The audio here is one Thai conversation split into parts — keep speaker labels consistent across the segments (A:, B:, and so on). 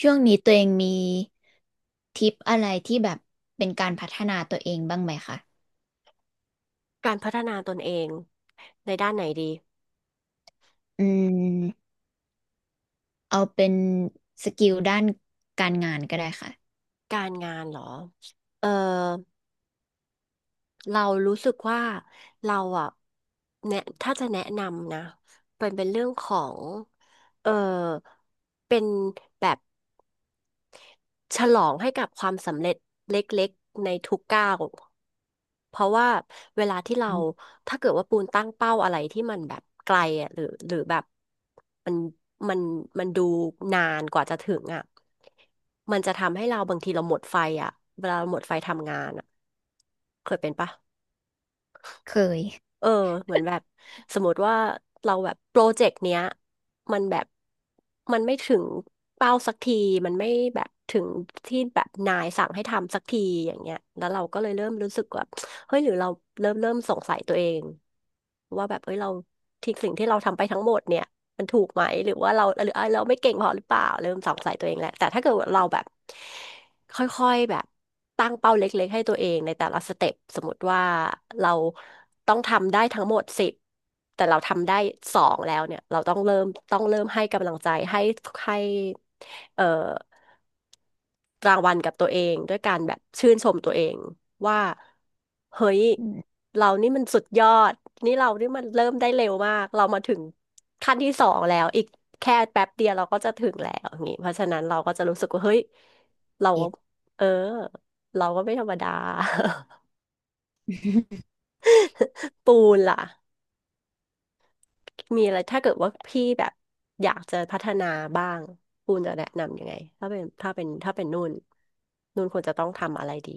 A: ช่วงนี้ตัวเองมีทิปอะไรที่แบบเป็นการพัฒนาตัวเองบ้างไหมคะ
B: การพัฒนาตนเองในด้านไหนดี
A: อืมเอาเป็นสกิลด้านการงานก็ได้ค่ะ
B: การงานเหรอ เออ เรารู้สึกว่าเราอ่ะแนะถ้าจะแนะนำนะเป็นเรื่องของ เออ เป็นแบบ ฉลองให้กับความสำเร็จเล็กๆในทุกก้าวเพราะว่าเวลาที่เราถ้าเกิดว่าปูนตั้งเป้าอะไรที่มันแบบไกลอ่ะหรือแบบมันมันมันดูนานกว่าจะถึงอ่ะมันจะทำให้เราบางทีเราหมดไฟอ่ะเวลาเราหมดไฟทำงานอ่ะเคยเป็นปะ
A: เคย
B: เออเหมือนแบบสมมติว่าเราแบบโปรเจกต์เนี้ยมันแบบมันไม่ถึงเป้าสักทีมันไม่แบบถึงที่แบบนายสั่งให้ทำสักทีอย่างเงี้ยแล้วเราก็เลยเริ่มรู้สึกว่าเฮ้ยหรือเราเริ่มสงสัยตัวเองว่าแบบเอ้ยเราที่สิ่งที่เราทำไปทั้งหมดเนี่ยมันถูกไหมหรือว่าเราหรือเอ้ยเราไม่เก่งพอหรือเปล่าเริ่มสงสัยตัวเองแหละแต่ถ้าเกิดว่าเราแบบ ค่อยๆ แบบตั้งเป้าเล็กๆ ให้ตัวเองในแต่ละสเต็ปสมมติว่าเราต้องทำได้ทั้งหมดสิบแต่เราทำได้สองแล้วเนี่ย เราต้องเริ่มต้องเริ่มให้กำลังใจให้เอ่อ รางวัลกับตัวเองด้วยการแบบชื่นชมตัวเองว่าเฮ้ย
A: อืม
B: เรานี่มันสุดยอดนี่เรานี่มันเริ่มได้เร็วมากเรามาถึงขั้นที่สองแล้วอีกแค่แป๊บเดียวเราก็จะถึงแล้วอย่างงี้เพราะฉะนั้นเราก็จะรู้สึกว่าเฮ้ยเรา
A: เก็ต
B: เออเราก็ไม่ธรรมดา ปูนล่ะมีอะไรถ้าเกิดว่าพี่แบบอยากจะพัฒนาบ้างปูนจะแนะนำยังไงถ้าเป็นนุ่นนุ่นควรจะต้องทำอะไรดี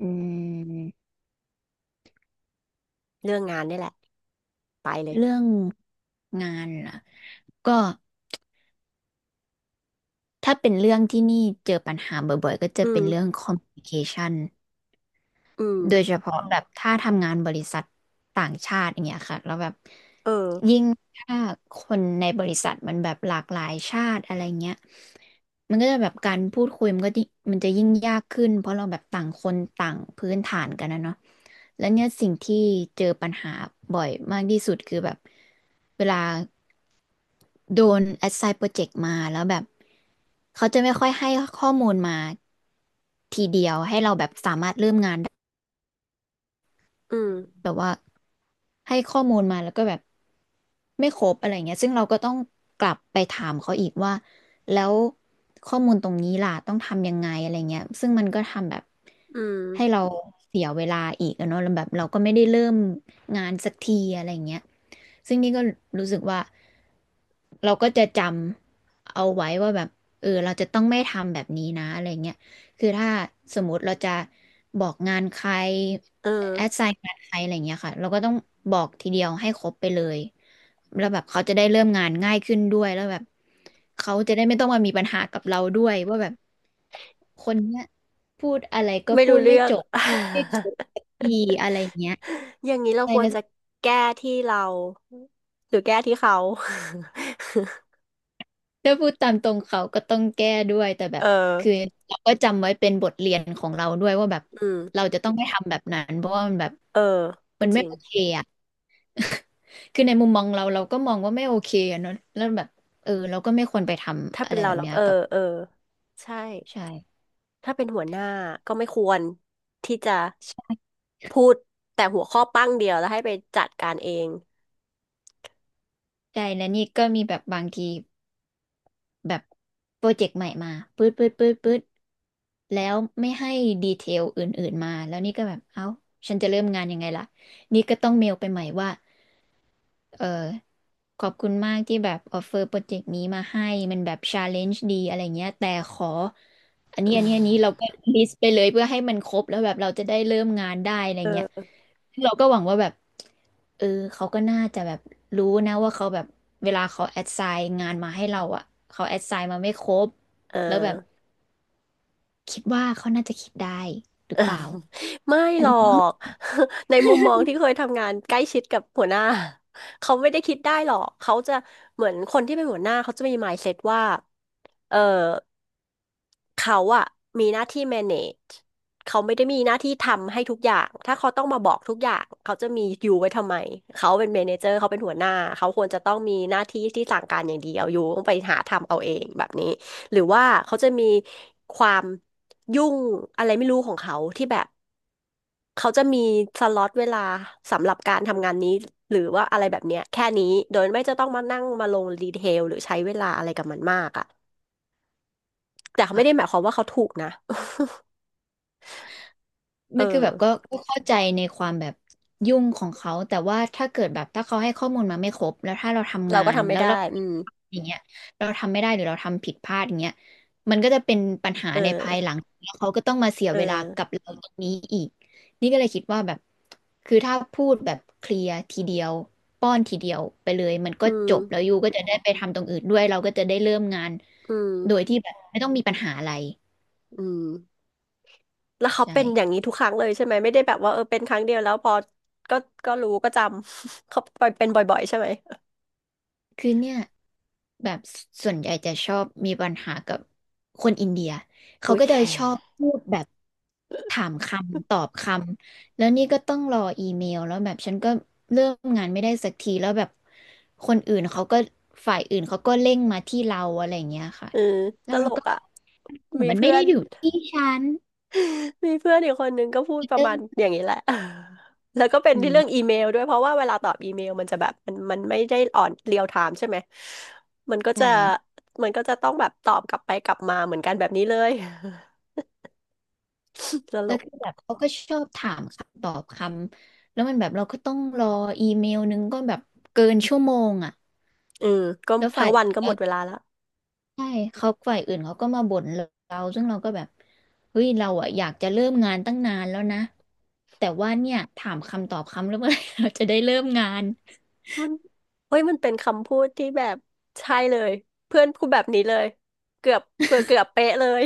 A: อืม
B: เรื่องงานนี่แหละไปเลย
A: เรื่องงานล่ะก็ถ้าเป็นเรื่องที่นี่เจอปัญหาบ่อยๆก็จะ
B: อื
A: เป็
B: ม
A: นเรื่อง communication
B: อืม
A: โดยเฉพาะแบบถ้าทำงานบริษัทต่างชาติอย่างเงี้ยค่ะแล้วแบบ
B: เออ
A: ยิ่งถ้าคนในบริษัทมันแบบหลากหลายชาติอะไรเงี้ยมันก็จะแบบการพูดคุยมันจะยิ่งยากขึ้นเพราะเราแบบต่างคนต่างพื้นฐานกันนะเนาะแล้วเนี่ยสิ่งที่เจอปัญหาบ่อยมากที่สุดคือแบบเวลาโดน assign project มาแล้วแบบเขาจะไม่ค่อยให้ข้อมูลมาทีเดียว
B: อืม
A: แบบว่าให้ข้อมูลมาแล้วก็แบบไม่ครบอะไรเงี้ยซึ่งเราก็ต้องกลับไปถามเขาอีกว่าแล้วข้อมูลตรงนี้ล่ะต้องทำยังไงอะไรเงี้ยซึ่งมันก็ทำแบบ
B: อืม
A: ให้เราเสียเวลาอีกอะเนาะแล้วแบบเราก็ไม่ได้เริ่มงานสักทีอะไรเงี้ยซึ่งนี่ก็รู้สึกว่าเราก็จะจำเอาไว้ว่าแบบเออเราจะต้องไม่ทำแบบนี้นะอะไรเงี้ย คือถ้าสมมติเราจะบอกงานใคร
B: เออ
A: แอดไซน์งานใครอะไรอย่างเงี้ยค่ะเราก็ต้องบอกทีเดียวให้ครบไปเลยแล้วแบบเขาจะได้เริ่มงานง่ายขึ้นด้วยแล้วแบบเขาจะได้ไม่ต้องมามีปัญหากับเราด้วยว่าแบบคนเนี้ยพูดอะไรก็
B: ไม่
A: พู
B: รู้
A: ดไม่
B: เรื่อง
A: จบพูดไม่ครบสักทีอะไรอย่างเงี้ย
B: อย่างนี้เรา
A: ใช่
B: ควร
A: นะ
B: จะแก้ที่เราหรือแก้ที่เขา
A: ถ้าพูดตามตรงเขาก็ต้องแก้ด้วยแต่แบ
B: เออ
A: บคือเราก็จำไว้เป็นบทเรียนของเราด้วยว่าแบบ
B: อื
A: เรา
B: ม
A: จะต้องไม่ทำแบบนั้นเพราะว่ามันแบบ
B: เออก็
A: มัน
B: จ
A: ไม่
B: ริง
A: โอเคอะ คือในมุมมองเราเราก็มองว่าไม่โอเคอะเนอะแล้วแบบเออเราก็ไม่ควรไปทำ
B: ถ้า
A: อะ
B: เป็น
A: ไร
B: เรา
A: แบบ
B: เรา
A: เนี้
B: ก็
A: ย
B: เออ
A: กับ
B: เออ ใช่
A: ใช่
B: ถ้าเป็นหัวหน้าก็ไม่ควรที่จะพูดแต่หัวข้อปั้งเดียวแล้วให้ไปจัดการเอง
A: ใช่และนี่ก็มีแบบบางทีแบบโปรเจกต์ใหม่มาปื๊ดปื๊ดปื๊ดปื๊ดแล้วไม่ให้ดีเทลอื่นๆมาแล้วนี่ก็แบบเอ้าฉันจะเริ่มงานยังไงล่ะนี่ก็ต้องเมลไปใหม่ว่าเออ ขอบคุณมากที่แบบออฟเฟอร์โปรเจกต์นี้มาให้มันแบบชาเลนจ์ดีอะไรเงี้ยแต่ขออันนี้เราก็ลิสต์ไปเลยเพื่อให้มันครบแล้วแบบเราจะได้เริ่มงานได้อะไร
B: เอ
A: เงี้ย
B: อ
A: ซึ่งเราก็หวังว่าแบบเออเขาก็น่าจะแบบรู้นะว่าเขาแบบเวลาเขาแอดไซน์งานมาให้เราอ่ะเขาแอดไซน์มาไม่ครบ
B: เอ
A: แล้วแบบ
B: อ
A: คิดว่าเขาน่าจะคิดได้หรื
B: เอ
A: อ
B: อ
A: เปล่า
B: ไม่
A: อัน
B: หรอ
A: นี้ก็
B: ก ในมุมมองที่เคยทำงานใกล้ชิดกับหัวหน้า เขาไม่ได้คิดได้หรอกเขาจะเหมือนคนที่เป็นหัวหน้าเขาจะมี mindset ว่าเออเขาอะมีหน้าที่ manage เขาไม่ได้มีหน้าที่ทำให้ทุกอย่างถ้าเขาต้องมาบอกทุกอย่างเขาจะมีอยู่ไว้ทำไมเขาเป็น manager เขาเป็นหัวหน้าเขาควรจะต้องมีหน้าที่ที่สั่งการอย่างเดียวอยู่ต้องไปหาทำเอาเองแบบนี้หรือว่าเขาจะมีความยุ่งอะไรไม่รู้ของเขาที่แบบ เขาจะมีสล็อตเวลาสำหรับการทำงานนี้หรือว่าอะไรแบบเนี้ยแค่นี้โดยไม่จะต้องมานั่งมาลงดีเทลหรือใช้เวลาอะไรกับมันมากอ่ะแต่เขา
A: อ่ะ
B: ไม่ได้หมายความว่าเขาถูกนะ เอ
A: ไม่คือแบบก็
B: อ
A: ก็เข้าใจในความแบบยุ่งของเขาแต่ว่าถ้าเกิดแบบถ้าเขาให้ข้อมูลมาไม่ครบแล้วถ้าเราทำ
B: เรา
A: งา
B: ก็
A: น
B: ทำไม่
A: แล้ว
B: ได้
A: เรา
B: อืม
A: อย่างเงี้ยเราทำไม่ได้หรือเราทำผิดพลาดอย่างเงี้ยมันก็จะเป็นปัญหา
B: เอ
A: ในภายหลั
B: อ
A: งแล้วเขาก็ต้องมาเสีย
B: เออ
A: เวลากับเราตรงนี้อีกนี่ก็เลยคิดว่าแบบคือถ้าพูดแบบเคลียร์ทีเดียวป้อนทีเดียวไปเลยมันก็
B: อืม
A: จบแล้วยูก็จะได้ไปทำตรงอื่นด้วยเราก็จะได้เริ่มงาน
B: อืม
A: โดยที่แบบไม่ต้องมีปัญหาอะไร
B: อืมแล้วเขา
A: ใช่
B: เป็นอย่างนี้ทุกครั้งเลยใช่ไหมไม่ได้แบบว่าเออเป็นครั้งเดียวแล้วพอก็ก็รู้ก็จำ เขาเป็นบ่อยๆใช่ไหม
A: คือเนี่ยแบบส่วนใหญ่จะชอบมีปัญหากับคนอินเดีย เขา
B: อุ๊ย
A: ก็จะชอบพูดแบบถามคำตอบคำแล้วนี่ก็ต้องรออีเมลแล้วแบบฉันก็เริ่มงานไม่ได้สักทีแล้วแบบคนอื่นเขาก็ฝ่ายอื่นเขาก็เร่งมาที่เราอะไรอย่างเงี้ยค่ะ
B: เออ
A: แล้
B: ต
A: ว
B: ล
A: เรา
B: ก
A: ก็
B: อ่ะมี
A: มันไม่
B: เพื่อ
A: ได้
B: น
A: อยู่ที่ฉัน
B: มีเพื่อนอีกคนนึงก็พูดประ
A: เริ่
B: มา
A: ม
B: ณอย่างนี้แหละ แล้วก็เป็น
A: อื
B: ที่เรื่อง
A: ม
B: อีเมลด้วยเพราะว่าเวลาตอบอีเมลมันจะแบบมันไม่ได้ออนเรียลไทม์ใช่ไหมมันก็จะ
A: ใช่
B: มันก็จะต้องแบบตอบกลับไปกลับมาเหมือนกันแบบนี้เลย ตล
A: แล้ว
B: ก
A: คือแบบเขาก็ชอบถามคำตอบคำแล้วมันแบบเราก็ต้องรออีเมลนึงก็แบบเกินชั่วโมงอ่ะ
B: เออก็
A: แล้ว
B: ทั้
A: ฝ่าย
B: งวันก็
A: แล้
B: หม
A: ว
B: ดเวลาแล้ว
A: ใช่เขาฝ่ายอื่นเขาก็มาบ่นเราซึ่งเราก็แบบเฮ้ยเราอ่ะอยากจะเริ่มงานตั้งนานแล้วนะแต่ว่าเนี่ยถามคำตอบคำแล้วเมื่อไหร่เราจะได้เริ่มงาน
B: มันเฮ้ยมันเป็นคำพูดที่แบบใช่เลยเพื่อนพูดแบบนี้เลยเกือบเกือบเป๊ะเลย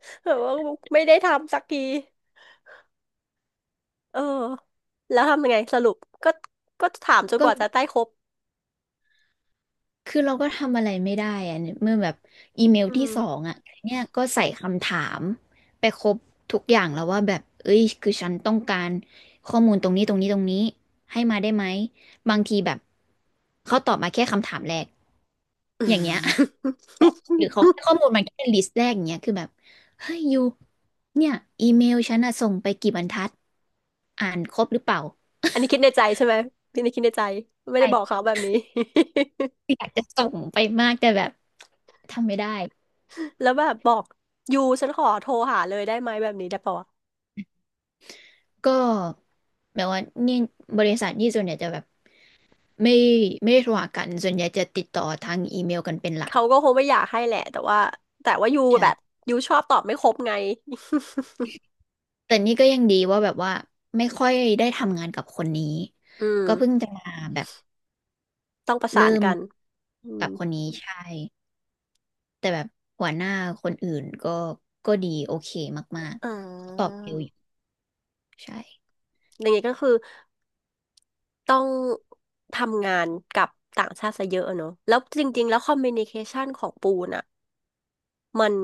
B: แบบว่าไม่ได้ทำสักทีเออแล้วทำยังไงสรุปก็ก็ถามจน
A: ก็
B: กว่าจะได้ครบ
A: คือเราก็ทำอะไรไม่ได้อะเนี่ยเมื่อแบบอีเมล
B: อื
A: ที่
B: ม
A: สองอ่ะเนี่ยก็ใส่คำถามไปครบทุกอย่างแล้วว่าแบบเอ้ยคือฉันต้องการข้อมูลตรงนี้ตรงนี้ตรงนี้ให้มาได้ไหมบางทีแบบเขาตอบมาแค่คำถามแรกอย่างเงี้ย หรือเขาให้ข้อมูลมาแค่ลิสต์แรกอย่างเงี้ยคือแบบเฮ้ยยูเนี่ยอีเมลฉันอะส่งไปกี่บรรทัดอ่านครบหรือเปล่า
B: อันนี้คิด ในใจใช่ไหมพี่นี่คิดในใจไม่ได้บอก
A: ใช่
B: เขาแบบนี้
A: อยากจะส่งไปมากแต่แบบทำไม่ได้
B: แล้วแบบบอกยูฉันขอโทรหาเลยได้ไหมแบบนี้ได้ปะวะ
A: ก็แบบว่านี่บริษัทนี่ส่วนใหญ่จะแบบไม่ไม่ได้โทรหากันส่วนใหญ่จะติดต่อทางอีเมลกันเป็นหลัก
B: เขาก็คงไม่อยากให้แหละแต่ว่ายูแบบ
A: ใช่
B: ยูชอบตอบไม่ครบไง
A: แต่นี่ก็ยังดีว่าแบบว่าไม่ค่อยได้ทำงานกับคนนี้
B: อืม
A: ก็เพิ่งจะมาแบบ
B: ต้องประสา
A: เริ่
B: น
A: ม
B: กันอืม
A: กับคนนี้ใช่แต่แบบหัวหน้าคนอื่นก็ดีโอเคมาก
B: อ่
A: ๆเขาตอบ
B: า
A: เร็วอยู่ใช่
B: อย่างนี้ก็คือต้องทำงานกับต่างชาติซะเยอะอะเนอะแล้วจริงๆแล้วคอมมิวนิเคชันของปูนอะ มัน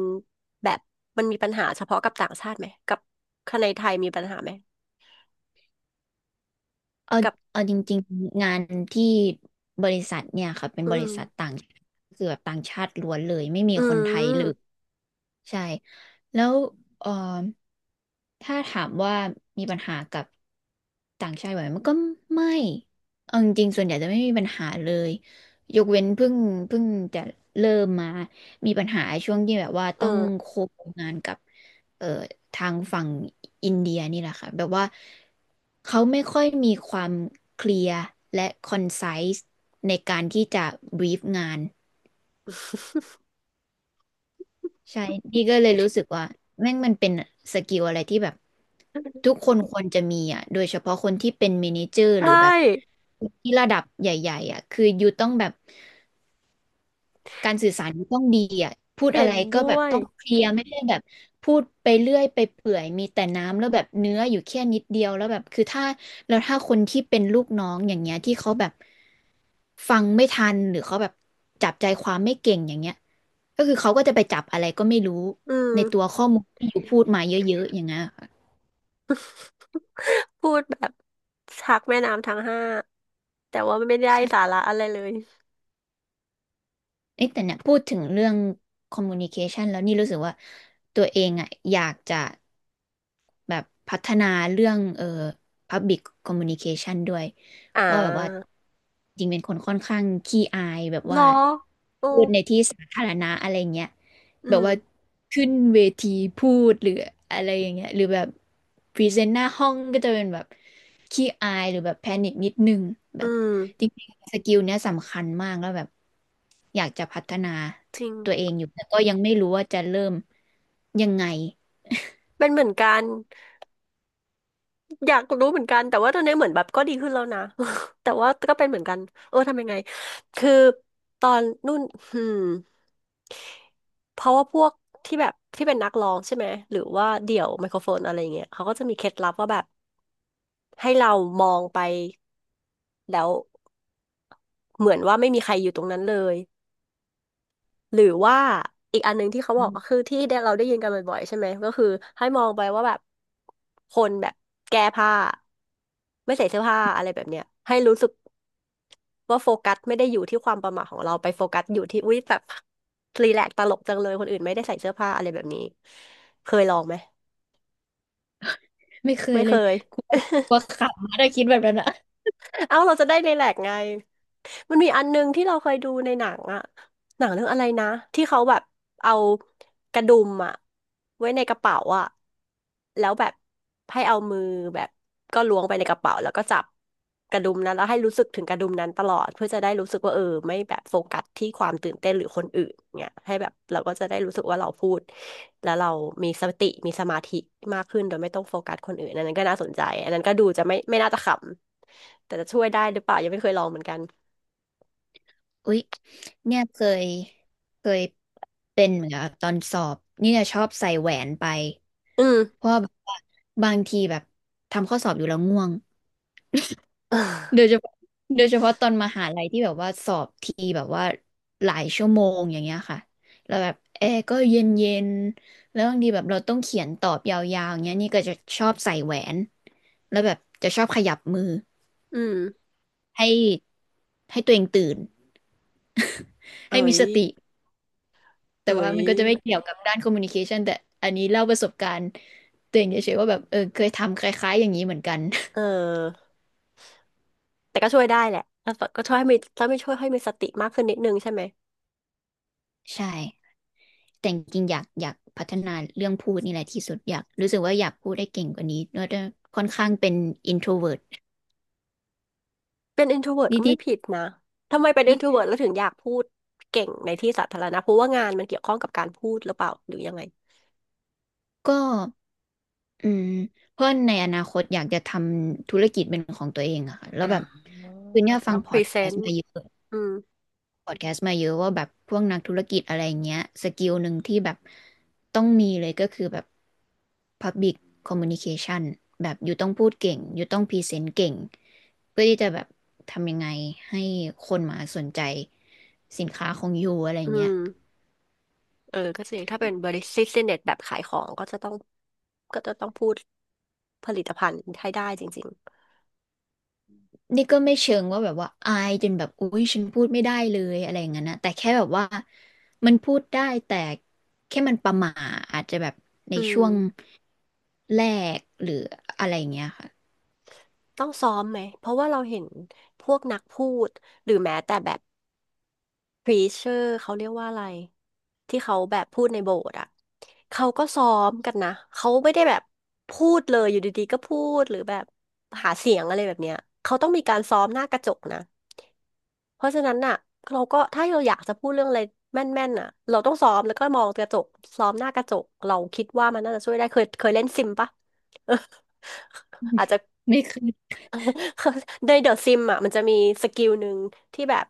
B: แบบมันมีปัญหาเฉพาะกับต่างชาติไหมกับคนในไทยมีปัญหาไหม
A: เอา
B: กับ
A: เอาจริงๆงานที่บริษัทเนี่ยค่ะเป็นบ
B: อื
A: ริ
B: ม
A: ษัทต่างคือแบบต่างชาติล้วนเลยไม่มี
B: อื
A: คนไทยเลย
B: ม
A: ใช่แล้วเออถ้าถามว่ามีปัญหากับต่างชาติไหมมันก็ไม่เอาจริงๆส่วนใหญ่จะไม่มีปัญหาเลยยกเว้นเพิ่งจะเริ่มมามีปัญหาช่วงที่แบบว่าต้อง
B: เออ
A: โคงงานกับ เอ่อทางฝั่งอินเดียนี่แหละค่ะแบบว่าเขาไม่ค่อยมีความเคลียร์และคอนไซส์ในการที่จะบรีฟงานใช่นี่ก็เลยรู้สึกว่าแม่งมันเป็นสกิลอะไรที่แบบทุกคนควรจะมีอ่ะโดยเฉพาะคนที่เป็นเมเนเจอร์ห
B: ใช่
A: รือแบบที่ระดับใหญ่ๆอ่ะคืออยู่ต้องแบบ การสื่อสารมันต้องดีอ่ะพูด
B: เห็
A: อะไร
B: น
A: ก็แบ
B: ด้
A: บ
B: วย
A: ต้องเคลียร์ไม่ได้แบบพูดไปเรื่อยไปเปื่อยมีแต่น้ำแล้วแบบเนื้ออยู่แค่นิดเดียวแล้วแบบคือถ้าแล้วถ้าคนที่เป็นลูกน้องอย่างเงี้ยที่เขาแบบฟังไม่ทันหรือเขาแบบจับใจความไม่เก่งอย่างเงี้ยก็คือเขาก็จะไปจับอะไรก็ไม่รู้
B: อืม
A: ในตัวข้อมูลที่อยู่พูดมาเยอะๆอย่างเงี้ยค่ะ
B: พูดแบบชักแม่น้ำทั้งห้าแต่ว่าไม่ได้สา
A: ใช่
B: ระอะไรเลย
A: เอ๊ะแต่เนี่ยพูดถึงเรื่อง communication แล้วนี่รู้สึกว่าตัวเองอ่ะอยากจะ แบบพัฒนาเรื่องPublic Communication ด้วย
B: อ่
A: เพราะแบบว่า
B: า
A: จริงเป็นคนค่อนข้างขี้อายแบบ
B: หรอ
A: ว่า
B: โอ้
A: พูดในที่สาธารณะอะไรเงี้ย
B: อื
A: แบบ
B: ม
A: ว่าขึ้นเวทีพูดหรืออะไรอย่างเงี้ยหรือแบบพรีเซนต์หน้าห้องก็จะเป็นแบบขี้อายหรือแบบแพนิคนิดนึงแบ
B: อื
A: บ
B: ม
A: จริงๆสกิลเนี้ยสำคัญมากแล้วแบบอยากจะพัฒนา
B: จริง
A: ตัวเองอยู่แต่ก็ยังไม่รู้ว่าจะเริ่มยังไง
B: เป็นเหมือนกัน อยากรู้เหมือนกันแต่ว่าตอนนี้เหมือนแบบก็ดีขึ้นแล้วนะ แต่ว่าก็เป็นเหมือนกันเออทำยังไงคือตอนนู่นอืมเพราะว่าพวกที่แบบที่เป็นนักร้องใช่ไหมหรือว่าเดี่ยวไมโครโฟนอะไรอย่างเงี้ยเขาก็จะมีเคล็ดลับว่าแบบให้เรามองไปแล้วเหมือนว่าไม่มีใครอยู่ตรงนั้นเลยหรือว่าอีกอันหนึงที่เขาบอกก็คือที่เราได้ยินกันบ่อยๆใช่ไหมก็คือให้มองไปว่าแบบคนแบบแก้ผ้าไม่ใส่เสื้อผ้าอะไรแบบเนี้ยให้รู้สึก ว่าโฟกัสไม่ได้อยู่ที่ความประหม่าของเราไปโฟกัสอยู่ที่อุ้ยแบบรีแลกซ์ตลกจังเลยคนอื่นไม่ได้ใส่เสื้อผ้าอะไรแบบนี้เคยลองไหม
A: ไม่เคย
B: ไม่
A: เล
B: เค
A: ย
B: ย
A: กลัวก ลัวขำนะถ้าคิดแบบนั้นอะ
B: เอ้าเราจะได้รีแลกซ์ไง มันมีอันนึงที่เราเคยดูในหนังอะหนังเรื่องอะไรนะที่เขาแบบเอากระดุมอะไว้ในกระเป๋าอะแล้วแบบให้เอามือแบบก็ล้วงไปในกระเป๋าแล้วก็จับกระดุมนั้นแล้วให้รู้สึกถึงกระดุมนั้นตลอดเพื่อจะได้รู้สึกว่าเออไม่แบบโฟกัสที่ความตื่นเต้นหรือคนอื่นเนี่ยให้แบบเราก็จะได้รู้สึกว่าเราพูดแล้วเรามีสติมีสมาธิมากขึ้นโดยไม่ต้องโฟกัสคนอื่นอันนั้นก็น่าสนใจอันนั้นก็ดูจะไม่น่าจะขำแต่จะช่วยได้หรือเปล่ายังไม่เคยลองเหมือนกัน
A: อุ๊ยเนี่ยยเคยเป็นเหมือนกับตอนสอบนี่เนี่ยชอบใส่แหวนไป
B: อืม
A: เพราะว่าแบบว่าบางทีแบบทำข้อสอบอยู่แล้วง่วง
B: เออ
A: โดยเฉพาะโดยเฉพาะตอนมหาลัยที่แบบว่าสอบทีแบบว่าหลายชั่วโมงอย่างเงี้ยค่ะแล้วแบบแอร์ก็เย็นเย็นแล้วบางทีแบบเราต้องเขียนตอบยาวๆอย่างเงี้ยนี่ก็จะชอบใส่แหวนแล้วแบบจะชอบขยับมือ
B: อืม
A: ให้ให้ตัวเองตื่น
B: เอ๋
A: ให้มี
B: ย
A: สติแต่
B: เอ๋
A: ว่า
B: ย
A: มันก็จะไม่เกี่ยวกับด้านคอมมูนิเคชันแต่อันนี้เล่าประสบการณ์ตัวเองเฉยๆว่าแบบเออเคยทำคล้ายๆอย่างนี้เหมือนกัน
B: เออแต่ก็ช่วยได้แหละแล้วก็ช่วยให้มีถ้าไม่ช่วยให้มีสติมากขึ้นนิดนึงใช่ไหม
A: ใช่แต่จริงๆอยากพัฒนาเรื่องพูดนี่แหละที่สุดอยากรู้สึกว่าอยากพูดได้เก่งกว่านี้เพราะว่าค่อนข้างเป็น introvert
B: เป็น introvert ก็
A: นิ
B: ไม่
A: ด
B: ผิดนะ ทำไมเป็น
A: ๆนี่
B: introvert แล้วถึงอยากพูดเก่งในที่สาธารณะเพราะว่างานมันเกี่ยวข้องกับการพูดหรือเปล่าหรือยังไง
A: ก็อืมเพร่ะนในอนาคตอยากจะทำธุรกิจเป็นของตัวเองอะค่ะแล้ว
B: อ่า
A: แบบคือ
B: อา
A: เนี่
B: จ
A: ย
B: จะ
A: ฟั
B: ต้
A: ง
B: อง
A: พ
B: พ
A: อ
B: รี
A: ด
B: เซ
A: แคส
B: น
A: ต์
B: ต์
A: มาเยอะ
B: อืม
A: พอดแคสต์มาเยอะว่าแบบพวกนักธุรกิจอะไรเงี้ยสกิลหนึ่งที่แบบต้องมีเลยก็คือแบบ Public Communication แบบอยู่ต้องพูดเก่งอยู่ต้องพรีเซนต์เก่งเพื่อที่จะแบบทำยังไงให้คนมาสนใจสินค้าของยูอะไร
B: อื
A: เงี้ย
B: มเออก็จริงถ้าเป็นบริษัทเน็ตแบบขายของก็จะต้องพูดผลิตภัณฑ์ให้ได้จริง
A: นี่ก็ไม่เชิงว่าแบบว่าอายจนแบบอุ้ยฉันพูดไม่ได้เลยอะไรอย่างนั้นนะแต่แค่แบบว่ามันพูดได้แต่แค่มันประหม่าอาจจะแบบ
B: ๆ
A: ใน
B: อื
A: ช่
B: ม
A: วงแรกหรืออะไรเงี้ยค่ะ
B: ต้องซ้อมไหม เพราะว่าเราเห็นพวกนักพูดหรือแม้แต่แบบพรีเชอร์เขาเรียกว่าอะไรที่เขาแบบพูดในโบสถ์อ่ะเขาก็ซ้อมกันนะเขาไม่ได้แบบพูดเลยอยู่ดีๆก็พูดหรือแบบหาเสียงอะไรแบบเนี้ยเขาต้องมีการซ้อมหน้ากระจกนะเพราะฉะนั้นน่ะเราก็ถ้าเราอยากจะพูดเรื่องอะไรแม่นๆน่ะเราต้องซ้อมแล้วก็มองกระจกซ้อมหน้ากระจกเราคิดว่ามันน่าจะช่วยได้เคยเล่นซิมปะเออ อาจ จะ
A: ไม่เค
B: เขาในเดอะซิมอ่ะมันจะมีสกิลหนึ่งที่แบบ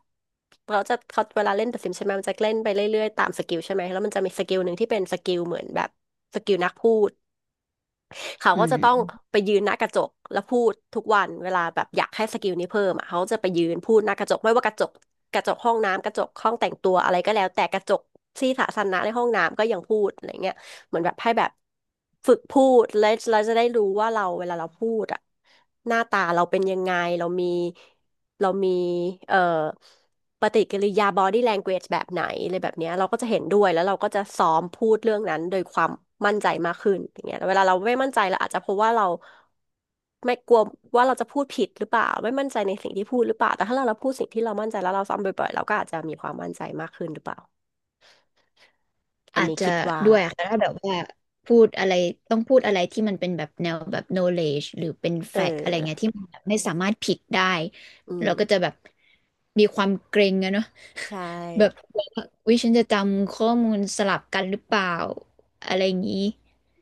B: เขาเวลาเล่นเดอะซิมใช่ไหมมันจะเล่นไปเรื่อยๆตามสกิลใช่ไหมแล้วมันจะมีสกิลหนึ่งที่เป็นสกิลเหมือนแบบสกิลนักพูด เขา
A: อื
B: ก็จะต้อง
A: ม
B: ไปยืนหน้ากระจกแล้วพูดทุกวันเวลาแบบอยากให้สกิลนี้เพิ่มอ่ะเขาจะไปยืนพูดหน้ากระจกไม่ว่ากระจกกระจกห้องน้ำกระจกห้องแต่งตัวอะไรก็แล้วแต่กระจกที่สาธารณะในห้องน้ำก็ยังพูดอะไรเงี้ยเหมือนแบบให้แบบฝึกพูดแลวเราจะได้รู้ว่าเราเวลาเราพูดอ่ะหน้าตาเราเป็นยังไงเรามีเรามีเอ่อ ปฏิกิริยา body language แบบไหนอะไรแบบเนี้ยเราก็จะเห็นด้วยแล้วเราก็จะซ้อมพูดเรื่องนั้นโดยความมั่นใจมากขึ้นอย่างเงี้ยเวลาเราไม่มั่นใจเราอาจจะเพราะว่าเราไม่กลัวว่าเราจะพูดผิดหรือเปล่าไม่มั่นใจในสิ่งที่พูดหรือเปล่าแต่ถ้าเราพูดสิ่งที่เรามั่นใจแล้วเราซ้ำบ่อยๆเราก็อาจจะมีความมั่นใจมากขึ้นหรือเปล่าอัน
A: อาจ
B: นี้
A: จะ
B: คิดว่า
A: ด้วยอะค่ะถ้าแบบว่าพูดอะไรต้องพูดอะไรที่มันเป็นแบบแนวแบบ knowledge หรือเป็น
B: เอ
A: fact อะไรเงี้ย
B: อ
A: ที่มันแบบไม่สามารถผิดได้
B: อื
A: เราก็จะ
B: ม
A: แบบมีความเกรงอะเนาะ
B: ใช่
A: แบบวิฉันจะจำข้อมูลสลับกันหรือเปล่าอะไรอย่างนี้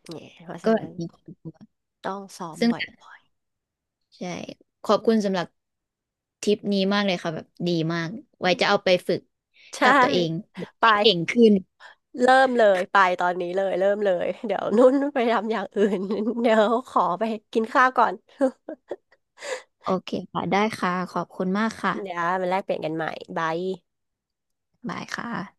B: เนี่ยเพราะ
A: ก็
B: ฉะ
A: แบ
B: นั้
A: บ
B: น
A: มีความกลัว
B: ต้องซ้อม
A: ซึ่ง
B: บ่อย
A: ใช่ขอบคุณสำหรับทริปนี้มากเลยค่ะแบบดีมากไว้จะเอาไปฝึก
B: ๆใช่
A: กับตัวเอง
B: ไป
A: ได้เก่งขึ้น
B: เริ่มเลยไปตอนนี้เลยเริ่มเลยเดี๋ยวนุ่นไปทำอย่างอื่น เดี๋ยวขอไปกินข้าวก่อน
A: โอเคค่ะได้ค่ะขอบคุณมากค่ะ
B: เดี๋ยวมาแลกเปลี่ยนกันใหม่บาย
A: บายค่ะ